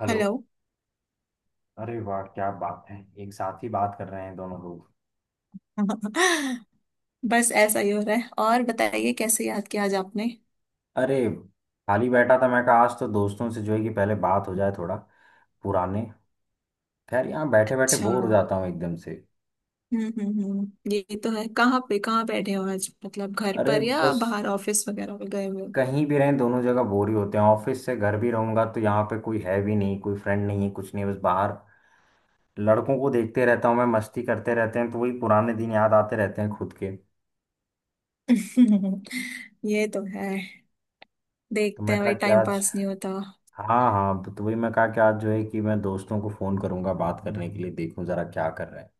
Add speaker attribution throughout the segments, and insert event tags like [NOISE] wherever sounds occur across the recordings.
Speaker 1: Hello.
Speaker 2: Hello. [LAUGHS]
Speaker 1: अरे वाह क्या बात है। एक साथ ही बात कर रहे हैं दोनों लोग।
Speaker 2: बस ऐसा ही हो रहा है। और बताइए, कैसे याद किया आज आपने?
Speaker 1: अरे खाली बैठा था। मैं कहा आज तो दोस्तों से जो है कि पहले बात हो जाए थोड़ा पुराने। खैर यहाँ बैठे बैठे
Speaker 2: अच्छा।
Speaker 1: बोर हो जाता हूँ एकदम से।
Speaker 2: हम्म। ये तो है। कहाँ पे कहाँ बैठे हो आज, मतलब घर
Speaker 1: अरे
Speaker 2: पर या
Speaker 1: बस
Speaker 2: बाहर ऑफिस वगैरह में गए हुए
Speaker 1: कहीं भी रहें दोनों जगह बोर ही होते हैं। ऑफिस से घर भी रहूंगा तो यहाँ पे कोई है भी नहीं, कोई फ्रेंड नहीं है, कुछ नहीं, बस बाहर लड़कों को देखते रहता हूँ मैं, मस्ती करते रहते हैं तो वही पुराने दिन याद आते रहते हैं खुद के।
Speaker 2: हो? [LAUGHS] ये तो है।
Speaker 1: तो
Speaker 2: देखते
Speaker 1: मैं
Speaker 2: हैं
Speaker 1: कहा
Speaker 2: भाई,
Speaker 1: कि
Speaker 2: टाइम
Speaker 1: आज,
Speaker 2: पास नहीं होता।
Speaker 1: हाँ हाँ तो वही मैं कहा कि आज जो है कि मैं दोस्तों को फोन करूंगा बात करने के लिए, देखूं जरा क्या कर रहे हैं।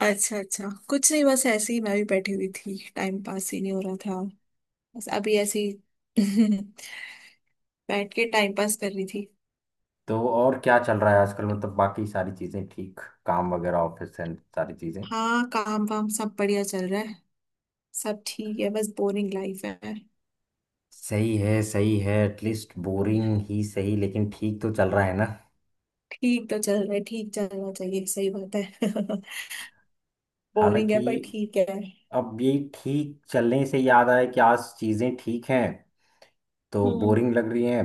Speaker 2: अच्छा अच्छा। कुछ नहीं, बस ऐसे ही मैं भी बैठी हुई थी, टाइम पास ही नहीं हो रहा था। बस अभी ऐसे ही [LAUGHS] बैठ के टाइम पास कर रही थी।
Speaker 1: तो और क्या चल रहा है आजकल? मतलब बाकी सारी चीजें ठीक, काम वगैरह ऑफिस एंड सारी चीजें।
Speaker 2: हाँ, काम वाम सब बढ़िया चल रहा है। सब ठीक है, बस बोरिंग लाइफ है।
Speaker 1: सही है, सही है। एटलीस्ट बोरिंग ही सही लेकिन ठीक तो चल रहा है ना।
Speaker 2: ठीक तो चल रहा है, ठीक चलना चाहिए, सही बात है। [LAUGHS] बोरिंग है
Speaker 1: हालांकि
Speaker 2: पर ठीक है।
Speaker 1: अब ये ठीक चलने से याद आया कि आज चीजें ठीक हैं तो
Speaker 2: हम्म।
Speaker 1: बोरिंग लग रही हैं,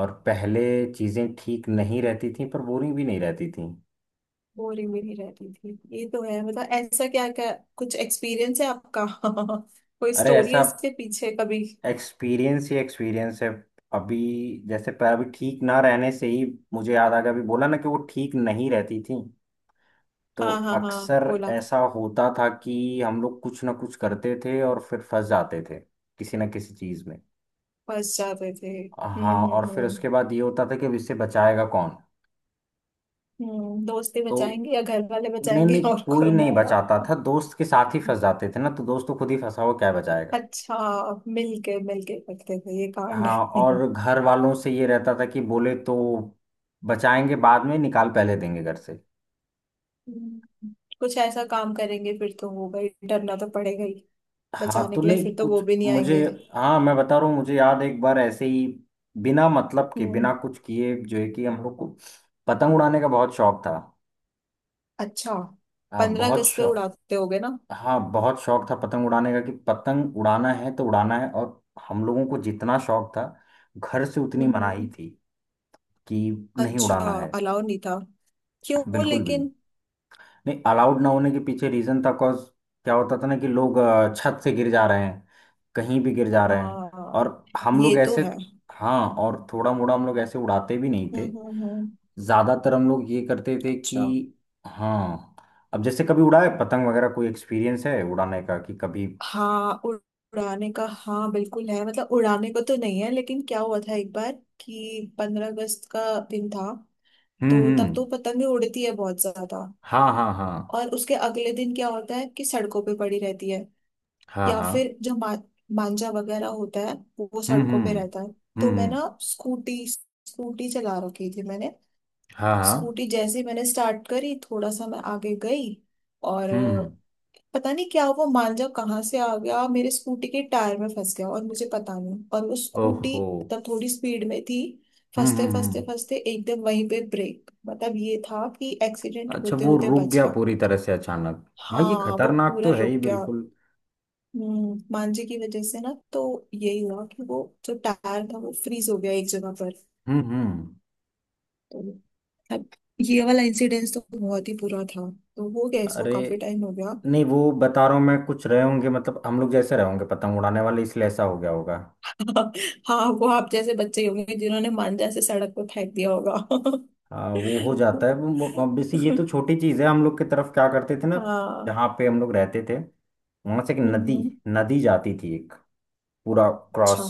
Speaker 1: और पहले चीजें ठीक नहीं रहती थी पर बोरिंग भी नहीं रहती थी।
Speaker 2: बोरिंग भी नहीं रहती थी, ये तो है। मतलब ऐसा क्या क्या कुछ एक्सपीरियंस है आपका? [LAUGHS] कोई
Speaker 1: अरे
Speaker 2: स्टोरी
Speaker 1: ऐसा
Speaker 2: है इसके पीछे कभी?
Speaker 1: एक्सपीरियंस ही एक्सपीरियंस है। अभी जैसे पैर अभी ठीक ना रहने से ही मुझे याद आ गया, अभी बोला ना कि वो ठीक नहीं रहती थी, तो
Speaker 2: हाँ हाँ हाँ,
Speaker 1: अक्सर
Speaker 2: बोला।
Speaker 1: ऐसा होता था कि हम लोग कुछ ना कुछ करते थे और फिर फंस जाते थे किसी ना किसी चीज में।
Speaker 2: फंस जाते थे।
Speaker 1: हाँ और फिर
Speaker 2: हम्म।
Speaker 1: उसके बाद ये होता था कि अब इससे बचाएगा कौन।
Speaker 2: हम्म, दोस्ती
Speaker 1: तो
Speaker 2: बचाएंगे या घर वाले
Speaker 1: नहीं
Speaker 2: बचाएंगे?
Speaker 1: नहीं,
Speaker 2: [LAUGHS] और
Speaker 1: कोई
Speaker 2: कौन
Speaker 1: नहीं
Speaker 2: आएगा?
Speaker 1: बचाता था, दोस्त के साथ ही फंस जाते थे ना, तो दोस्त तो खुद ही फंसा हुआ क्या बचाएगा।
Speaker 2: अच्छा, मिलके मिलके करते थे ये कांड।
Speaker 1: हाँ
Speaker 2: [LAUGHS]
Speaker 1: और घर वालों से ये रहता था कि बोले तो बचाएंगे बाद में, निकाल पहले देंगे घर से।
Speaker 2: हम्म, कुछ ऐसा काम करेंगे फिर तो होगा ही, डरना तो पड़ेगा।
Speaker 1: हाँ
Speaker 2: बचाने
Speaker 1: तो
Speaker 2: के लिए फिर
Speaker 1: नहीं
Speaker 2: तो वो
Speaker 1: कुछ
Speaker 2: भी नहीं
Speaker 1: मुझे,
Speaker 2: आएंगे।
Speaker 1: हाँ मैं बता रहा हूँ, मुझे याद एक बार ऐसे ही बिना मतलब के,
Speaker 2: हम्म।
Speaker 1: बिना कुछ किए जो है कि हम लोग को पतंग उड़ाने का बहुत शौक था।
Speaker 2: अच्छा,
Speaker 1: हाँ
Speaker 2: पंद्रह
Speaker 1: बहुत
Speaker 2: अगस्त पे
Speaker 1: शौक।
Speaker 2: उड़ाते होगे ना।
Speaker 1: हाँ बहुत शौक था पतंग उड़ाने का कि पतंग उड़ाना है तो उड़ाना है। और हम लोगों को जितना शौक था घर से उतनी
Speaker 2: हम्म
Speaker 1: मनाही
Speaker 2: हम्म।
Speaker 1: थी कि नहीं
Speaker 2: अच्छा,
Speaker 1: उड़ाना है,
Speaker 2: अलाउ नहीं था? क्यों
Speaker 1: बिल्कुल भी
Speaker 2: लेकिन?
Speaker 1: नहीं। अलाउड ना होने के पीछे रीजन था, कॉज क्या होता था ना कि लोग छत से गिर जा रहे हैं, कहीं भी गिर जा रहे हैं।
Speaker 2: हाँ,
Speaker 1: और हम लोग
Speaker 2: ये तो
Speaker 1: ऐसे,
Speaker 2: है।
Speaker 1: हाँ और थोड़ा मोड़ा हम लोग ऐसे उड़ाते भी नहीं थे,
Speaker 2: हम्म हम्म हम्म।
Speaker 1: ज्यादातर हम लोग ये करते थे कि,
Speaker 2: अच्छा।
Speaker 1: हाँ अब जैसे कभी उड़ाए पतंग वगैरह, कोई एक्सपीरियंस है उड़ाने का कि कभी।
Speaker 2: हाँ, उड़ाने का हाँ बिल्कुल है, मतलब उड़ाने को तो नहीं है, लेकिन क्या हुआ था एक बार कि पंद्रह अगस्त का दिन था। तो तब
Speaker 1: हम्म।
Speaker 2: तो पतंगे उड़ती है बहुत ज्यादा,
Speaker 1: हाँ हाँ हाँ।
Speaker 2: और उसके अगले दिन क्या होता है कि सड़कों पे पड़ी रहती है,
Speaker 1: हाँ
Speaker 2: या
Speaker 1: हाँ।
Speaker 2: फिर जो मांझा वगैरह होता है वो
Speaker 1: हम्म
Speaker 2: सड़कों
Speaker 1: हम्म
Speaker 2: पे रहता है।
Speaker 1: हम्म।
Speaker 2: तो मैं
Speaker 1: हम्म
Speaker 2: ना स्कूटी स्कूटी चला रखी थी मैंने,
Speaker 1: हाँ हाँ।
Speaker 2: स्कूटी जैसे ही मैंने स्टार्ट करी थोड़ा सा मैं आगे गई, और
Speaker 1: हम्म।
Speaker 2: पता नहीं क्या वो मांझा कहाँ से आ गया, मेरे स्कूटी के टायर में फंस गया, और मुझे पता नहीं, और वो स्कूटी
Speaker 1: ओहो।
Speaker 2: तब थोड़ी स्पीड में थी, फंसते फंसते
Speaker 1: हम्म।
Speaker 2: फंसते एकदम वहीं पे ब्रेक, मतलब ये था कि एक्सीडेंट
Speaker 1: अच्छा
Speaker 2: होते
Speaker 1: वो
Speaker 2: होते
Speaker 1: रुक
Speaker 2: बच
Speaker 1: गया
Speaker 2: गया।
Speaker 1: पूरी तरह से अचानक? हाँ ये
Speaker 2: हाँ, वो
Speaker 1: खतरनाक
Speaker 2: पूरा
Speaker 1: तो है
Speaker 2: रुक
Speaker 1: ही
Speaker 2: गया।
Speaker 1: बिल्कुल।
Speaker 2: मांझे की वजह से ना, तो यही हुआ कि वो जो टायर था वो फ्रीज हो गया एक जगह पर।
Speaker 1: हम्म।
Speaker 2: तो अब ये वाला इंसिडेंस तो बहुत ही बुरा था, तो हो गया, इसको
Speaker 1: अरे
Speaker 2: काफी टाइम हो गया।
Speaker 1: नहीं वो बता रहा हूँ मैं, कुछ रहे होंगे मतलब हम लोग जैसे रहे होंगे पतंग उड़ाने वाले इसलिए ऐसा हो गया होगा।
Speaker 2: [LAUGHS] हाँ, वो आप जैसे बच्चे ही होंगे जिन्होंने मांझा से सड़क पर फेंक दिया होगा।
Speaker 1: हाँ वो हो जाता है। Obviously ये
Speaker 2: [LAUGHS]
Speaker 1: तो छोटी चीज़ है। हम लोग की तरफ क्या करते थे ना,
Speaker 2: हाँ।
Speaker 1: जहाँ पे हम लोग रहते थे वहां से एक नदी,
Speaker 2: हम्म।
Speaker 1: नदी जाती थी एक, पूरा
Speaker 2: अच्छा।
Speaker 1: क्रॉस,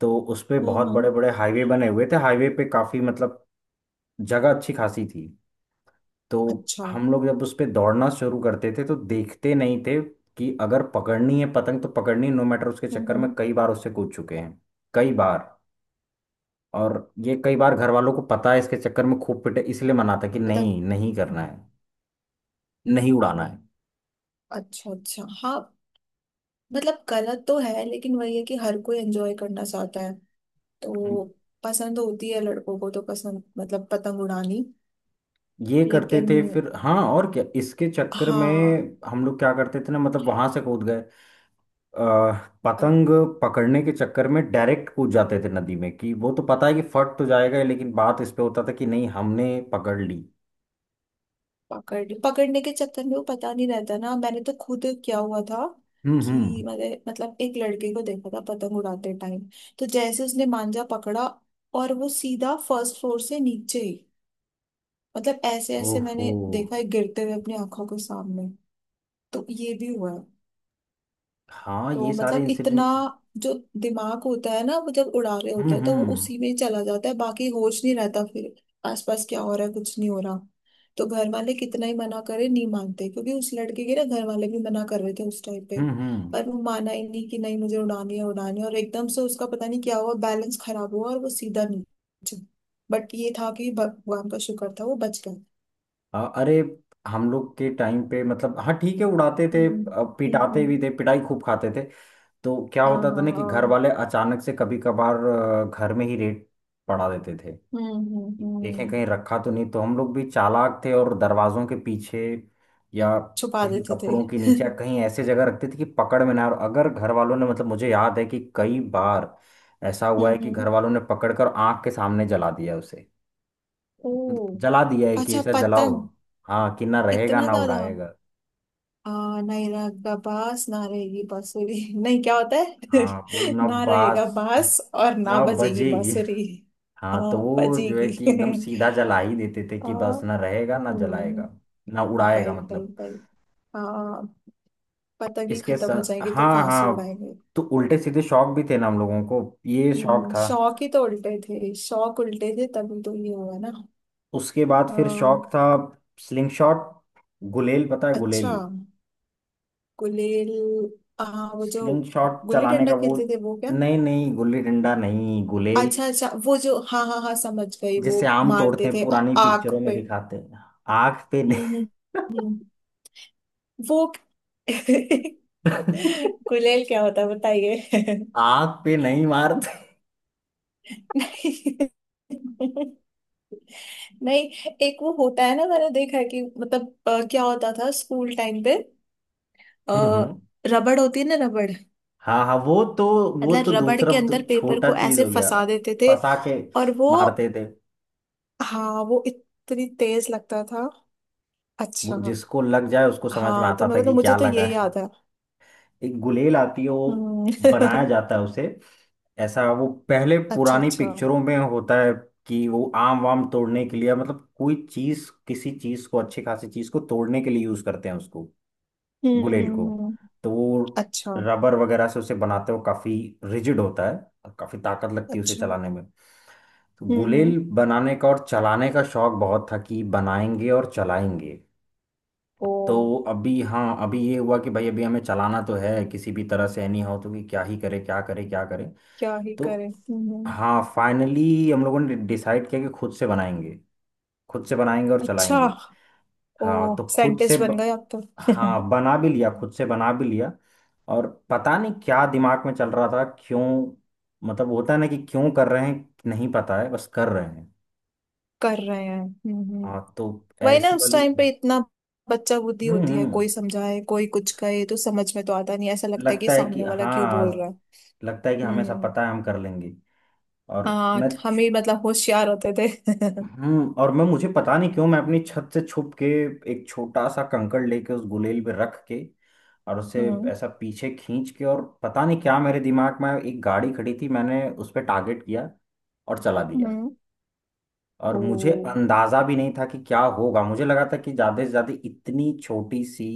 Speaker 1: तो उस पे
Speaker 2: हम्म
Speaker 1: बहुत बड़े
Speaker 2: हम्म,
Speaker 1: बड़े हाईवे बने हुए थे। हाईवे पे काफी मतलब जगह अच्छी खासी थी। तो
Speaker 2: अच्छा।
Speaker 1: हम लोग जब उस पे दौड़ना शुरू करते थे तो देखते नहीं थे कि अगर पकड़नी है पतंग तो पकड़नी, नो मैटर। उसके चक्कर में
Speaker 2: हम्म।
Speaker 1: कई बार उससे कूद चुके हैं, कई बार। और ये कई बार घर वालों को पता है, इसके चक्कर में खूब पिटे इसलिए मना था कि
Speaker 2: पतंग।
Speaker 1: नहीं नहीं करना है, नहीं उड़ाना है।
Speaker 2: अच्छा अच्छा, हाँ। मतलब गलत तो है, लेकिन वही है कि हर कोई एंजॉय करना चाहता है।
Speaker 1: हम
Speaker 2: तो पसंद होती है लड़कों को, तो पसंद मतलब पतंग उड़ानी,
Speaker 1: ये करते
Speaker 2: लेकिन
Speaker 1: थे फिर, हाँ और क्या, इसके चक्कर में
Speaker 2: हाँ।
Speaker 1: हम लोग क्या करते थे ना, मतलब वहां से कूद गए, अ, पतंग पकड़ने के चक्कर में डायरेक्ट कूद जाते थे नदी में कि वो तो पता है कि फट तो जाएगा ही, लेकिन बात इस पे होता था कि नहीं हमने पकड़ ली।
Speaker 2: पकड़ने के चक्कर में वो पता नहीं रहता ना, मैंने तो खुद क्या हुआ था कि
Speaker 1: हम्म।
Speaker 2: मैंने मतलब एक लड़के को देखा था पतंग उड़ाते टाइम, तो जैसे उसने मांजा पकड़ा, और वो सीधा फर्स्ट फ्लोर से नीचे ही, मतलब ऐसे ऐसे मैंने
Speaker 1: ओहो।
Speaker 2: देखा है गिरते हुए अपनी आंखों के सामने। तो ये भी हुआ है।
Speaker 1: हाँ
Speaker 2: तो
Speaker 1: ये सारे
Speaker 2: मतलब इतना
Speaker 1: इंसिडेंट।
Speaker 2: जो दिमाग होता है ना, वो जब उड़ा रहे होते
Speaker 1: हम्म
Speaker 2: हैं तो वो
Speaker 1: हम्म
Speaker 2: उसी में चला जाता है, बाकी होश नहीं रहता फिर आसपास क्या हो रहा है, कुछ नहीं हो रहा। तो घर वाले कितना ही मना करे, नहीं मानते, क्योंकि उस लड़के के ना घर वाले भी मना कर रहे थे उस टाइम पे,
Speaker 1: हम्म।
Speaker 2: पर वो माना ही नहीं कि नहीं मुझे उड़ानी है उड़ानी है, और एकदम से उसका पता नहीं क्या हुआ, बैलेंस खराब हुआ और वो सीधा नीचे। बट ये था कि भगवान का शुक्र था वो बच गया।
Speaker 1: अरे हम लोग के टाइम पे मतलब, हाँ ठीक है उड़ाते थे
Speaker 2: हम्म हम्म
Speaker 1: पिटाते भी
Speaker 2: हम्म,
Speaker 1: थे, पिटाई खूब खाते थे। तो क्या
Speaker 2: हाँ
Speaker 1: होता
Speaker 2: हाँ
Speaker 1: था ना कि घर
Speaker 2: हाँ।
Speaker 1: वाले अचानक से कभी कभार घर में ही रेड पड़ा देते थे, देखें
Speaker 2: हम्म।
Speaker 1: कहीं रखा तो नहीं। तो हम लोग भी चालाक थे, और दरवाजों के पीछे या
Speaker 2: छुपा
Speaker 1: कहीं
Speaker 2: देते थे।
Speaker 1: कपड़ों के नीचे,
Speaker 2: [LAUGHS]
Speaker 1: कहीं ऐसे जगह रखते थे कि पकड़ में ना आए। और अगर घर वालों ने, मतलब मुझे याद है कि कई बार ऐसा हुआ है कि
Speaker 2: हम्म।
Speaker 1: घर वालों ने पकड़कर आंख के सामने जला दिया उसे,
Speaker 2: ओ।
Speaker 1: मतलब जला दिया है कि
Speaker 2: अच्छा,
Speaker 1: इसे जलाओ।
Speaker 2: पतंग?
Speaker 1: हाँ कि ना रहेगा
Speaker 2: इतना
Speaker 1: ना
Speaker 2: ज्यादा?
Speaker 1: उड़ाएगा।
Speaker 2: नहीं रहेगा बास ना रहेगी बांसुरी। [LAUGHS] नहीं, क्या होता है?
Speaker 1: हाँ वो
Speaker 2: [LAUGHS]
Speaker 1: ना
Speaker 2: ना रहेगा
Speaker 1: बास
Speaker 2: बास और ना
Speaker 1: ना
Speaker 2: बजेगी
Speaker 1: बजेगी।
Speaker 2: बांसुरी।
Speaker 1: हाँ
Speaker 2: हाँ,
Speaker 1: तो वो जो है
Speaker 2: बजेगी।
Speaker 1: कि एकदम
Speaker 2: [LAUGHS]
Speaker 1: सीधा जला ही देते थे
Speaker 2: आ,
Speaker 1: कि बस ना रहेगा ना
Speaker 2: हम्म।
Speaker 1: जलाएगा ना उड़ाएगा
Speaker 2: भाई भाई
Speaker 1: मतलब।
Speaker 2: भाई। आ, पतंग ही
Speaker 1: इसके
Speaker 2: खत्म हो
Speaker 1: साथ,
Speaker 2: जाएगी तो
Speaker 1: हाँ
Speaker 2: कहाँ से
Speaker 1: हाँ,
Speaker 2: उड़ाएंगे?
Speaker 1: तो उल्टे सीधे शौक भी थे ना हम लोगों को। ये शौक था,
Speaker 2: शौक ही तो उल्टे थे, शौक उल्टे थे, तभी तो ये हुआ ना।
Speaker 1: उसके बाद
Speaker 2: आ,
Speaker 1: फिर शौक था स्लिंग शॉट, गुलेल। पता है गुलेल?
Speaker 2: अच्छा, गुलेल। आ, वो जो
Speaker 1: स्लिंग शॉट
Speaker 2: गुल्ली
Speaker 1: चलाने का
Speaker 2: डंडा
Speaker 1: वो।
Speaker 2: खेलते थे वो क्या?
Speaker 1: नहीं नहीं गुल्ली डंडा नहीं, गुलेल।
Speaker 2: अच्छा अच्छा, वो जो हाँ हाँ हाँ, समझ गई। वो
Speaker 1: जिससे आम तोड़ते
Speaker 2: मारते
Speaker 1: हैं,
Speaker 2: थे
Speaker 1: पुरानी
Speaker 2: आँख
Speaker 1: पिक्चरों में
Speaker 2: पे?
Speaker 1: दिखाते हैं। आग पे नहीं।
Speaker 2: हम्म हम्म हम्म। वो [LAUGHS]
Speaker 1: [LAUGHS]
Speaker 2: गुलेल क्या होता है बताइए। [LAUGHS]
Speaker 1: आग पे नहीं मारते।
Speaker 2: नहीं, नहीं, एक वो होता है ना, मैंने देखा है कि मतलब क्या होता था स्कूल टाइम पे, आ,
Speaker 1: हम्म हम्म।
Speaker 2: रबड़ होती है ना, रबड़।
Speaker 1: हाँ हाँ वो तो, वो
Speaker 2: मतलब
Speaker 1: तो
Speaker 2: रबड़
Speaker 1: दूसरा,
Speaker 2: के
Speaker 1: वो
Speaker 2: अंदर
Speaker 1: तो
Speaker 2: पेपर
Speaker 1: छोटा
Speaker 2: को
Speaker 1: चीज
Speaker 2: ऐसे
Speaker 1: हो गया।
Speaker 2: फंसा देते थे
Speaker 1: फंसा के
Speaker 2: और वो।
Speaker 1: मारते थे,
Speaker 2: हाँ, वो इतनी तेज लगता था।
Speaker 1: वो
Speaker 2: अच्छा,
Speaker 1: जिसको लग जाए उसको समझ में
Speaker 2: हाँ। तो
Speaker 1: आता था
Speaker 2: मतलब
Speaker 1: कि
Speaker 2: मुझे
Speaker 1: क्या
Speaker 2: तो
Speaker 1: लगा
Speaker 2: ये
Speaker 1: है।
Speaker 2: याद है।
Speaker 1: एक गुलेल आती है, वो
Speaker 2: हम्म।
Speaker 1: बनाया
Speaker 2: [LAUGHS]
Speaker 1: जाता है उसे, ऐसा वो पहले
Speaker 2: अच्छा
Speaker 1: पुरानी
Speaker 2: अच्छा।
Speaker 1: पिक्चरों में होता है कि वो आम वाम तोड़ने के लिए मतलब कोई चीज, किसी चीज को, अच्छी खासी चीज को तोड़ने के लिए यूज करते हैं उसको, गुलेल को।
Speaker 2: हम्म।
Speaker 1: तो वो
Speaker 2: अच्छा
Speaker 1: रबर वगैरह से उसे बनाते हो, काफी रिजिड होता है और काफी ताकत लगती है उसे
Speaker 2: अच्छा।
Speaker 1: चलाने में। तो
Speaker 2: हम्म।
Speaker 1: गुलेल बनाने का और चलाने का शौक बहुत था कि बनाएंगे और चलाएंगे।
Speaker 2: ओ।
Speaker 1: तो अभी हाँ अभी ये हुआ कि भाई अभी हमें चलाना तो है, किसी भी तरह से नहीं हो तो कि क्या ही करे क्या करे क्या करे।
Speaker 2: क्या ही करे।
Speaker 1: तो हाँ फाइनली हम लोगों ने डिसाइड किया कि खुद से बनाएंगे, खुद से बनाएंगे और
Speaker 2: अच्छा।
Speaker 1: चलाएंगे।
Speaker 2: ओ,
Speaker 1: हाँ तो खुद से
Speaker 2: साइंटिस्ट बन गए आप तो। [LAUGHS]
Speaker 1: हाँ बना भी लिया खुद से, बना भी लिया। और पता नहीं क्या दिमाग में चल रहा था क्यों, मतलब होता है ना कि क्यों कर रहे हैं, नहीं पता है बस कर रहे हैं।
Speaker 2: कर रहे हैं। हम्म।
Speaker 1: हाँ तो
Speaker 2: वही ना,
Speaker 1: ऐसी
Speaker 2: उस
Speaker 1: वाली,
Speaker 2: टाइम पे इतना बच्चा बुद्धि होती है,
Speaker 1: हम्म,
Speaker 2: कोई समझाए कोई कुछ कहे तो समझ में तो आता नहीं, ऐसा लगता है कि
Speaker 1: लगता है कि
Speaker 2: सामने वाला क्यों बोल रहा
Speaker 1: हाँ,
Speaker 2: है।
Speaker 1: लगता है कि हमें सब
Speaker 2: हम्म।
Speaker 1: पता है, हम कर लेंगे। और
Speaker 2: हाँ,
Speaker 1: मैं
Speaker 2: हम ही मतलब होशियार होते थे। [LAUGHS]
Speaker 1: और मैं, मुझे पता नहीं क्यों, मैं अपनी छत से छुप के एक छोटा सा कंकड़ लेके उस गुलेल पे रख के और उसे
Speaker 2: हम्म।
Speaker 1: ऐसा पीछे खींच के, और पता नहीं क्या मेरे दिमाग में, एक गाड़ी खड़ी थी, मैंने उस पर टारगेट किया और चला दिया।
Speaker 2: हम्म।
Speaker 1: और
Speaker 2: ओ।
Speaker 1: मुझे अंदाजा भी नहीं था कि क्या होगा। मुझे लगा था कि ज्यादा से ज्यादा इतनी छोटी सी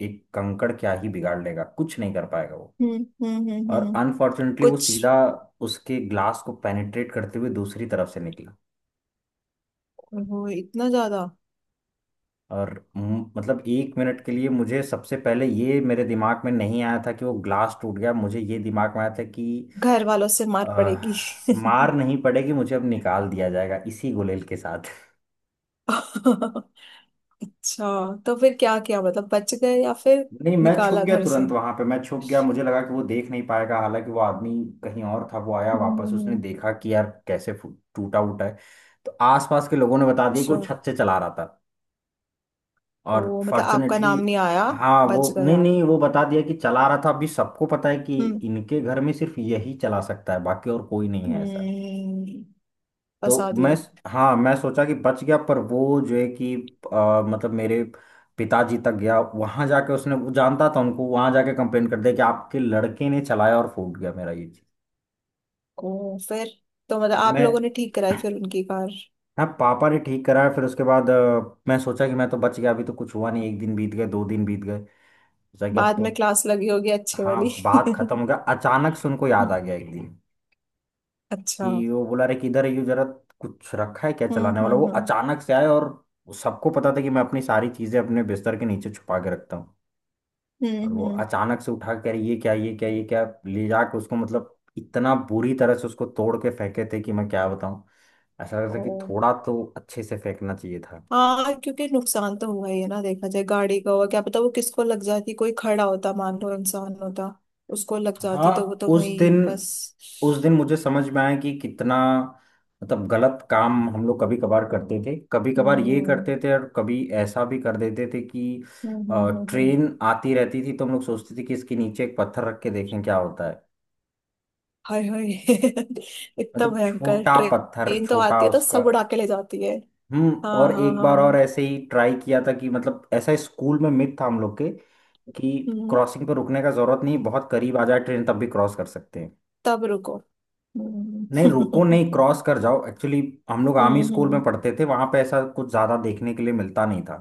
Speaker 1: एक कंकड़ क्या ही बिगाड़ लेगा, कुछ नहीं कर पाएगा वो।
Speaker 2: हम्म हम्म हम्म
Speaker 1: और
Speaker 2: हम्म।
Speaker 1: अनफॉर्चुनेटली वो
Speaker 2: कुछ।
Speaker 1: सीधा उसके ग्लास को पेनिट्रेट करते हुए दूसरी तरफ से निकला।
Speaker 2: वो इतना ज्यादा।
Speaker 1: और मतलब एक मिनट के लिए मुझे सबसे पहले ये मेरे दिमाग में नहीं आया था कि वो ग्लास टूट गया, मुझे ये दिमाग में आया था कि
Speaker 2: घर वालों से मार
Speaker 1: अह,
Speaker 2: पड़ेगी।
Speaker 1: मार
Speaker 2: [LAUGHS]
Speaker 1: नहीं पड़ेगी, मुझे अब निकाल दिया जाएगा इसी गुलेल के साथ।
Speaker 2: अच्छा, तो फिर क्या किया, मतलब बच गए या फिर
Speaker 1: नहीं मैं छुप
Speaker 2: निकाला
Speaker 1: गया
Speaker 2: घर से?
Speaker 1: तुरंत, वहां पे मैं छुप गया, मुझे लगा कि वो देख नहीं पाएगा। हालांकि वो आदमी कहीं और था, वो आया
Speaker 2: हम्म
Speaker 1: वापस,
Speaker 2: हम्म,
Speaker 1: उसने
Speaker 2: हम्म।
Speaker 1: देखा कि यार कैसे टूटा उटा है। तो आसपास के लोगों ने बता दिया कि वो
Speaker 2: अच्छा।
Speaker 1: छत से चला रहा था। और
Speaker 2: ओ, मतलब आपका
Speaker 1: फॉर्चुनेटली
Speaker 2: नाम नहीं आया?
Speaker 1: हाँ वो
Speaker 2: बच गए
Speaker 1: नहीं
Speaker 2: आप।
Speaker 1: नहीं, वो बता दिया कि चला रहा था, अभी सबको पता है कि
Speaker 2: हम्म।
Speaker 1: इनके घर में सिर्फ यही चला सकता है बाकी और कोई नहीं है ऐसा।
Speaker 2: हम्म।
Speaker 1: तो
Speaker 2: फंसा
Speaker 1: मैं
Speaker 2: दिया।
Speaker 1: हाँ मैं सोचा कि बच गया, पर वो जो है कि मतलब मेरे पिताजी तक गया, वहां जाके, उसने वो जानता था उनको, वहां जाके कंप्लेन कर दिया कि आपके लड़के ने चलाया और फूट गया मेरा ये चीज।
Speaker 2: ओ फिर, तो मतलब आप
Speaker 1: मैं
Speaker 2: लोगों ने ठीक कराई फिर उनकी कार?
Speaker 1: हाँ पापा ने ठीक कराया। फिर उसके बाद मैं सोचा कि मैं तो बच गया, अभी तो कुछ हुआ नहीं, एक दिन बीत गए, दो दिन बीत गए, सोचा कि अब
Speaker 2: बाद
Speaker 1: तो
Speaker 2: में क्लास लगी होगी अच्छे
Speaker 1: हाँ
Speaker 2: वाली।
Speaker 1: बात खत्म हो
Speaker 2: [LAUGHS]
Speaker 1: गया। अचानक से उनको याद आ गया एक दिन
Speaker 2: अच्छा।
Speaker 1: कि वो बोला रे किधर है यू जरा, कुछ रखा है क्या चलाने वाला? वो
Speaker 2: हम्म।
Speaker 1: अचानक से आए। और सबको पता था कि मैं अपनी सारी चीजें अपने बिस्तर के नीचे छुपा के रखता हूँ। और
Speaker 2: हम्म
Speaker 1: वो
Speaker 2: हम्म।
Speaker 1: अचानक से उठा कर ये क्या ये क्या ये क्या, ले जाके उसको मतलब इतना बुरी तरह से उसको तोड़ के फेंके थे कि मैं क्या बताऊँ। ऐसा लगता था कि
Speaker 2: ओ।
Speaker 1: थोड़ा तो अच्छे से फेंकना चाहिए था।
Speaker 2: हाँ, क्योंकि नुकसान तो हुआ ही है ना, देखा जाए गाड़ी का हुआ, क्या पता वो किसको लग जाती, कोई खड़ा होता, मान लो इंसान होता, उसको लग जाती तो वो
Speaker 1: हाँ
Speaker 2: तो
Speaker 1: उस
Speaker 2: वही
Speaker 1: दिन,
Speaker 2: बस।
Speaker 1: उस दिन मुझे समझ में आया कि कितना मतलब गलत काम हम लोग कभी कभार करते थे। कभी कभार ये
Speaker 2: हम्म
Speaker 1: करते थे और कभी ऐसा भी कर देते थे कि
Speaker 2: हम्म हम्म, हम्म, हम्म।
Speaker 1: ट्रेन आती रहती थी तो हम लोग सोचते थे कि इसके नीचे एक पत्थर रख के देखें क्या होता है,
Speaker 2: हाय हाय। [LAUGHS] इतना
Speaker 1: मतलब
Speaker 2: भयंकर,
Speaker 1: छोटा पत्थर,
Speaker 2: ट्रेन तो
Speaker 1: छोटा
Speaker 2: आती है तो
Speaker 1: उसका।
Speaker 2: सब उड़ा के ले जाती है।
Speaker 1: हम्म।
Speaker 2: हाँ
Speaker 1: और
Speaker 2: हाँ
Speaker 1: एक बार और
Speaker 2: हाँ।
Speaker 1: ऐसे ही ट्राई किया था कि मतलब ऐसा स्कूल में मिथ था हम लोग के कि
Speaker 2: हम्म,
Speaker 1: क्रॉसिंग पर रुकने का जरूरत नहीं, बहुत करीब आ जाए ट्रेन तब भी क्रॉस कर सकते हैं।
Speaker 2: तब रुको।
Speaker 1: नहीं रुको,
Speaker 2: हम्म। [LAUGHS]
Speaker 1: नहीं क्रॉस कर जाओ एक्चुअली। हम लोग
Speaker 2: हम्म
Speaker 1: आर्मी स्कूल में
Speaker 2: हम्म।
Speaker 1: पढ़ते थे, वहां पे ऐसा कुछ ज्यादा देखने के लिए मिलता नहीं था।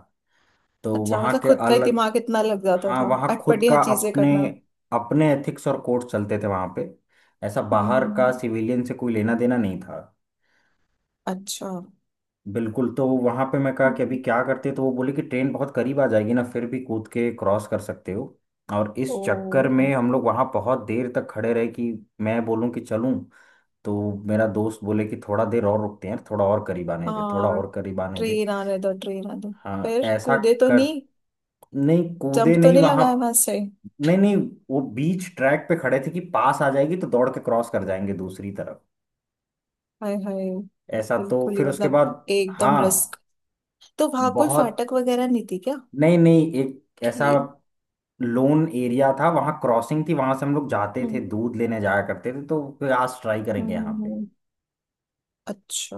Speaker 1: तो
Speaker 2: अच्छा,
Speaker 1: वहां
Speaker 2: मतलब
Speaker 1: के
Speaker 2: खुद का ही
Speaker 1: अलग,
Speaker 2: दिमाग इतना लग जाता
Speaker 1: हाँ
Speaker 2: था,
Speaker 1: वहाँ खुद
Speaker 2: अटपटी हर
Speaker 1: का,
Speaker 2: चीजें
Speaker 1: अपने
Speaker 2: करना।
Speaker 1: अपने एथिक्स और कोड चलते थे वहाँ पे, ऐसा
Speaker 2: हम्म,
Speaker 1: बाहर का
Speaker 2: हम्म।
Speaker 1: सिविलियन से कोई लेना देना नहीं था
Speaker 2: अच्छा।
Speaker 1: बिल्कुल। तो वहाँ पे मैं कहा कि अभी
Speaker 2: हम्म।
Speaker 1: क्या करते, तो वो बोले कि ट्रेन बहुत करीब आ जाएगी ना फिर भी कूद के क्रॉस कर सकते हो। और
Speaker 2: ओ।
Speaker 1: इस चक्कर में हम लोग वहाँ बहुत देर तक खड़े रहे कि मैं बोलूँ कि चलूँ तो मेरा दोस्त बोले कि थोड़ा देर और रुकते हैं, थोड़ा और करीब आने दे, थोड़ा
Speaker 2: हाँ,
Speaker 1: और करीब आने दे।
Speaker 2: ट्रेन आने दो, ट्रेन आने दो।
Speaker 1: हाँ
Speaker 2: फिर
Speaker 1: ऐसा
Speaker 2: कूदे तो
Speaker 1: कर
Speaker 2: नहीं?
Speaker 1: नहीं कूदे
Speaker 2: जंप तो
Speaker 1: नहीं
Speaker 2: नहीं
Speaker 1: वहां,
Speaker 2: लगाया वहां से?
Speaker 1: नहीं नहीं, वो बीच ट्रैक पे खड़े थे कि पास आ जाएगी तो दौड़ के क्रॉस कर जाएंगे दूसरी तरफ।
Speaker 2: हाय हाय,
Speaker 1: ऐसा तो
Speaker 2: बिल्कुल ही
Speaker 1: फिर उसके
Speaker 2: मतलब
Speaker 1: बाद,
Speaker 2: एकदम
Speaker 1: हाँ
Speaker 2: रिस्क। तो वहां कोई
Speaker 1: बहुत,
Speaker 2: फाटक वगैरह नहीं थी क्या,
Speaker 1: नहीं नहीं एक ऐसा
Speaker 2: कि?
Speaker 1: लोन एरिया था, वहां क्रॉसिंग थी, वहां से हम लोग जाते
Speaker 2: हम्म
Speaker 1: थे दूध लेने जाया करते थे, तो फिर आज ट्राई
Speaker 2: हम्म,
Speaker 1: करेंगे यहाँ
Speaker 2: हम्म,
Speaker 1: पे।
Speaker 2: हम्म। अच्छा,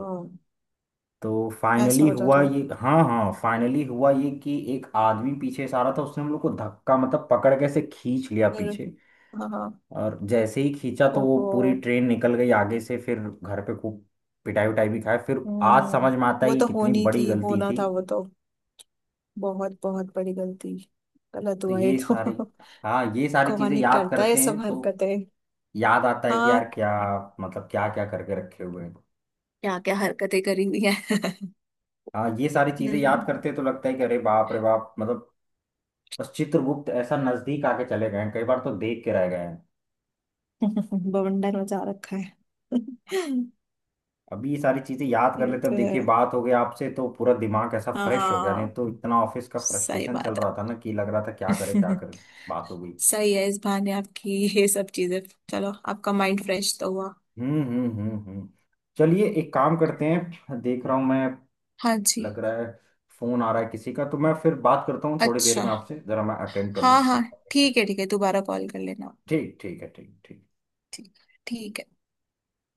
Speaker 1: तो
Speaker 2: ऐसा
Speaker 1: फाइनली
Speaker 2: होता
Speaker 1: हुआ
Speaker 2: था
Speaker 1: ये, हाँ हाँ फाइनली हुआ ये कि एक आदमी पीछे से आ रहा था, उसने हम लोग को धक्का मतलब पकड़ के ऐसे खींच लिया
Speaker 2: फिर?
Speaker 1: पीछे।
Speaker 2: हाँ हाँ।
Speaker 1: और जैसे ही खींचा तो वो
Speaker 2: ओहो।
Speaker 1: पूरी ट्रेन निकल गई आगे से। फिर घर पे खूब पिटाई उटाई भी खाया। फिर आज समझ
Speaker 2: हम्म।
Speaker 1: में आता है
Speaker 2: वो
Speaker 1: कि
Speaker 2: तो
Speaker 1: कितनी
Speaker 2: होनी
Speaker 1: बड़ी
Speaker 2: थी,
Speaker 1: गलती
Speaker 2: होना
Speaker 1: थी।
Speaker 2: था वो तो, बहुत बहुत बड़ी गलती, गलत
Speaker 1: तो
Speaker 2: हुआ ये
Speaker 1: ये
Speaker 2: तो।
Speaker 1: सारी, हाँ ये
Speaker 2: [LAUGHS]
Speaker 1: सारी चीजें
Speaker 2: कौन ही
Speaker 1: याद
Speaker 2: करता है ये
Speaker 1: करते हैं
Speaker 2: सब
Speaker 1: तो
Speaker 2: हरकतें।
Speaker 1: याद आता है कि
Speaker 2: हाँ,
Speaker 1: यार क्या, मतलब क्या क्या करके रखे हुए हैं।
Speaker 2: क्या क्या हरकतें करी हुई है।
Speaker 1: हाँ ये सारी चीजें याद
Speaker 2: हम्म।
Speaker 1: करते तो लगता है कि अरे बाप रे बाप मतलब, बस चित्रगुप्त ऐसा नजदीक आके चले गए हैं कई बार, तो देख के रह गए हैं।
Speaker 2: [LAUGHS] बवंडर मचा रखा है। [LAUGHS]
Speaker 1: अभी ये सारी चीजें याद कर
Speaker 2: ये
Speaker 1: लेते हैं।
Speaker 2: तो
Speaker 1: अब
Speaker 2: है।
Speaker 1: देखिए बात हो गई आपसे तो पूरा दिमाग ऐसा फ्रेश हो गया, नहीं
Speaker 2: हाँ,
Speaker 1: तो इतना ऑफिस का
Speaker 2: सही
Speaker 1: फ्रस्ट्रेशन चल
Speaker 2: बात
Speaker 1: रहा था ना कि लग रहा था क्या करे क्या
Speaker 2: है।
Speaker 1: करे। बात हो गई।
Speaker 2: [LAUGHS] सही है, इस बहाने आपकी ये सब चीजें, चलो आपका माइंड फ्रेश तो हुआ।
Speaker 1: हम्म। चलिए एक काम करते हैं, देख रहा हूँ मैं,
Speaker 2: हाँ जी।
Speaker 1: लग रहा है फोन आ रहा है किसी का, तो मैं फिर बात करता हूँ थोड़ी देर
Speaker 2: अच्छा,
Speaker 1: में आपसे, जरा मैं अटेंड कर
Speaker 2: हाँ
Speaker 1: लूँ
Speaker 2: हाँ,
Speaker 1: ठीक।
Speaker 2: ठीक है ठीक है, दोबारा कॉल कर लेना।
Speaker 1: ठीक ठीक है, ठीक ठीक।
Speaker 2: ठीक ठीक है।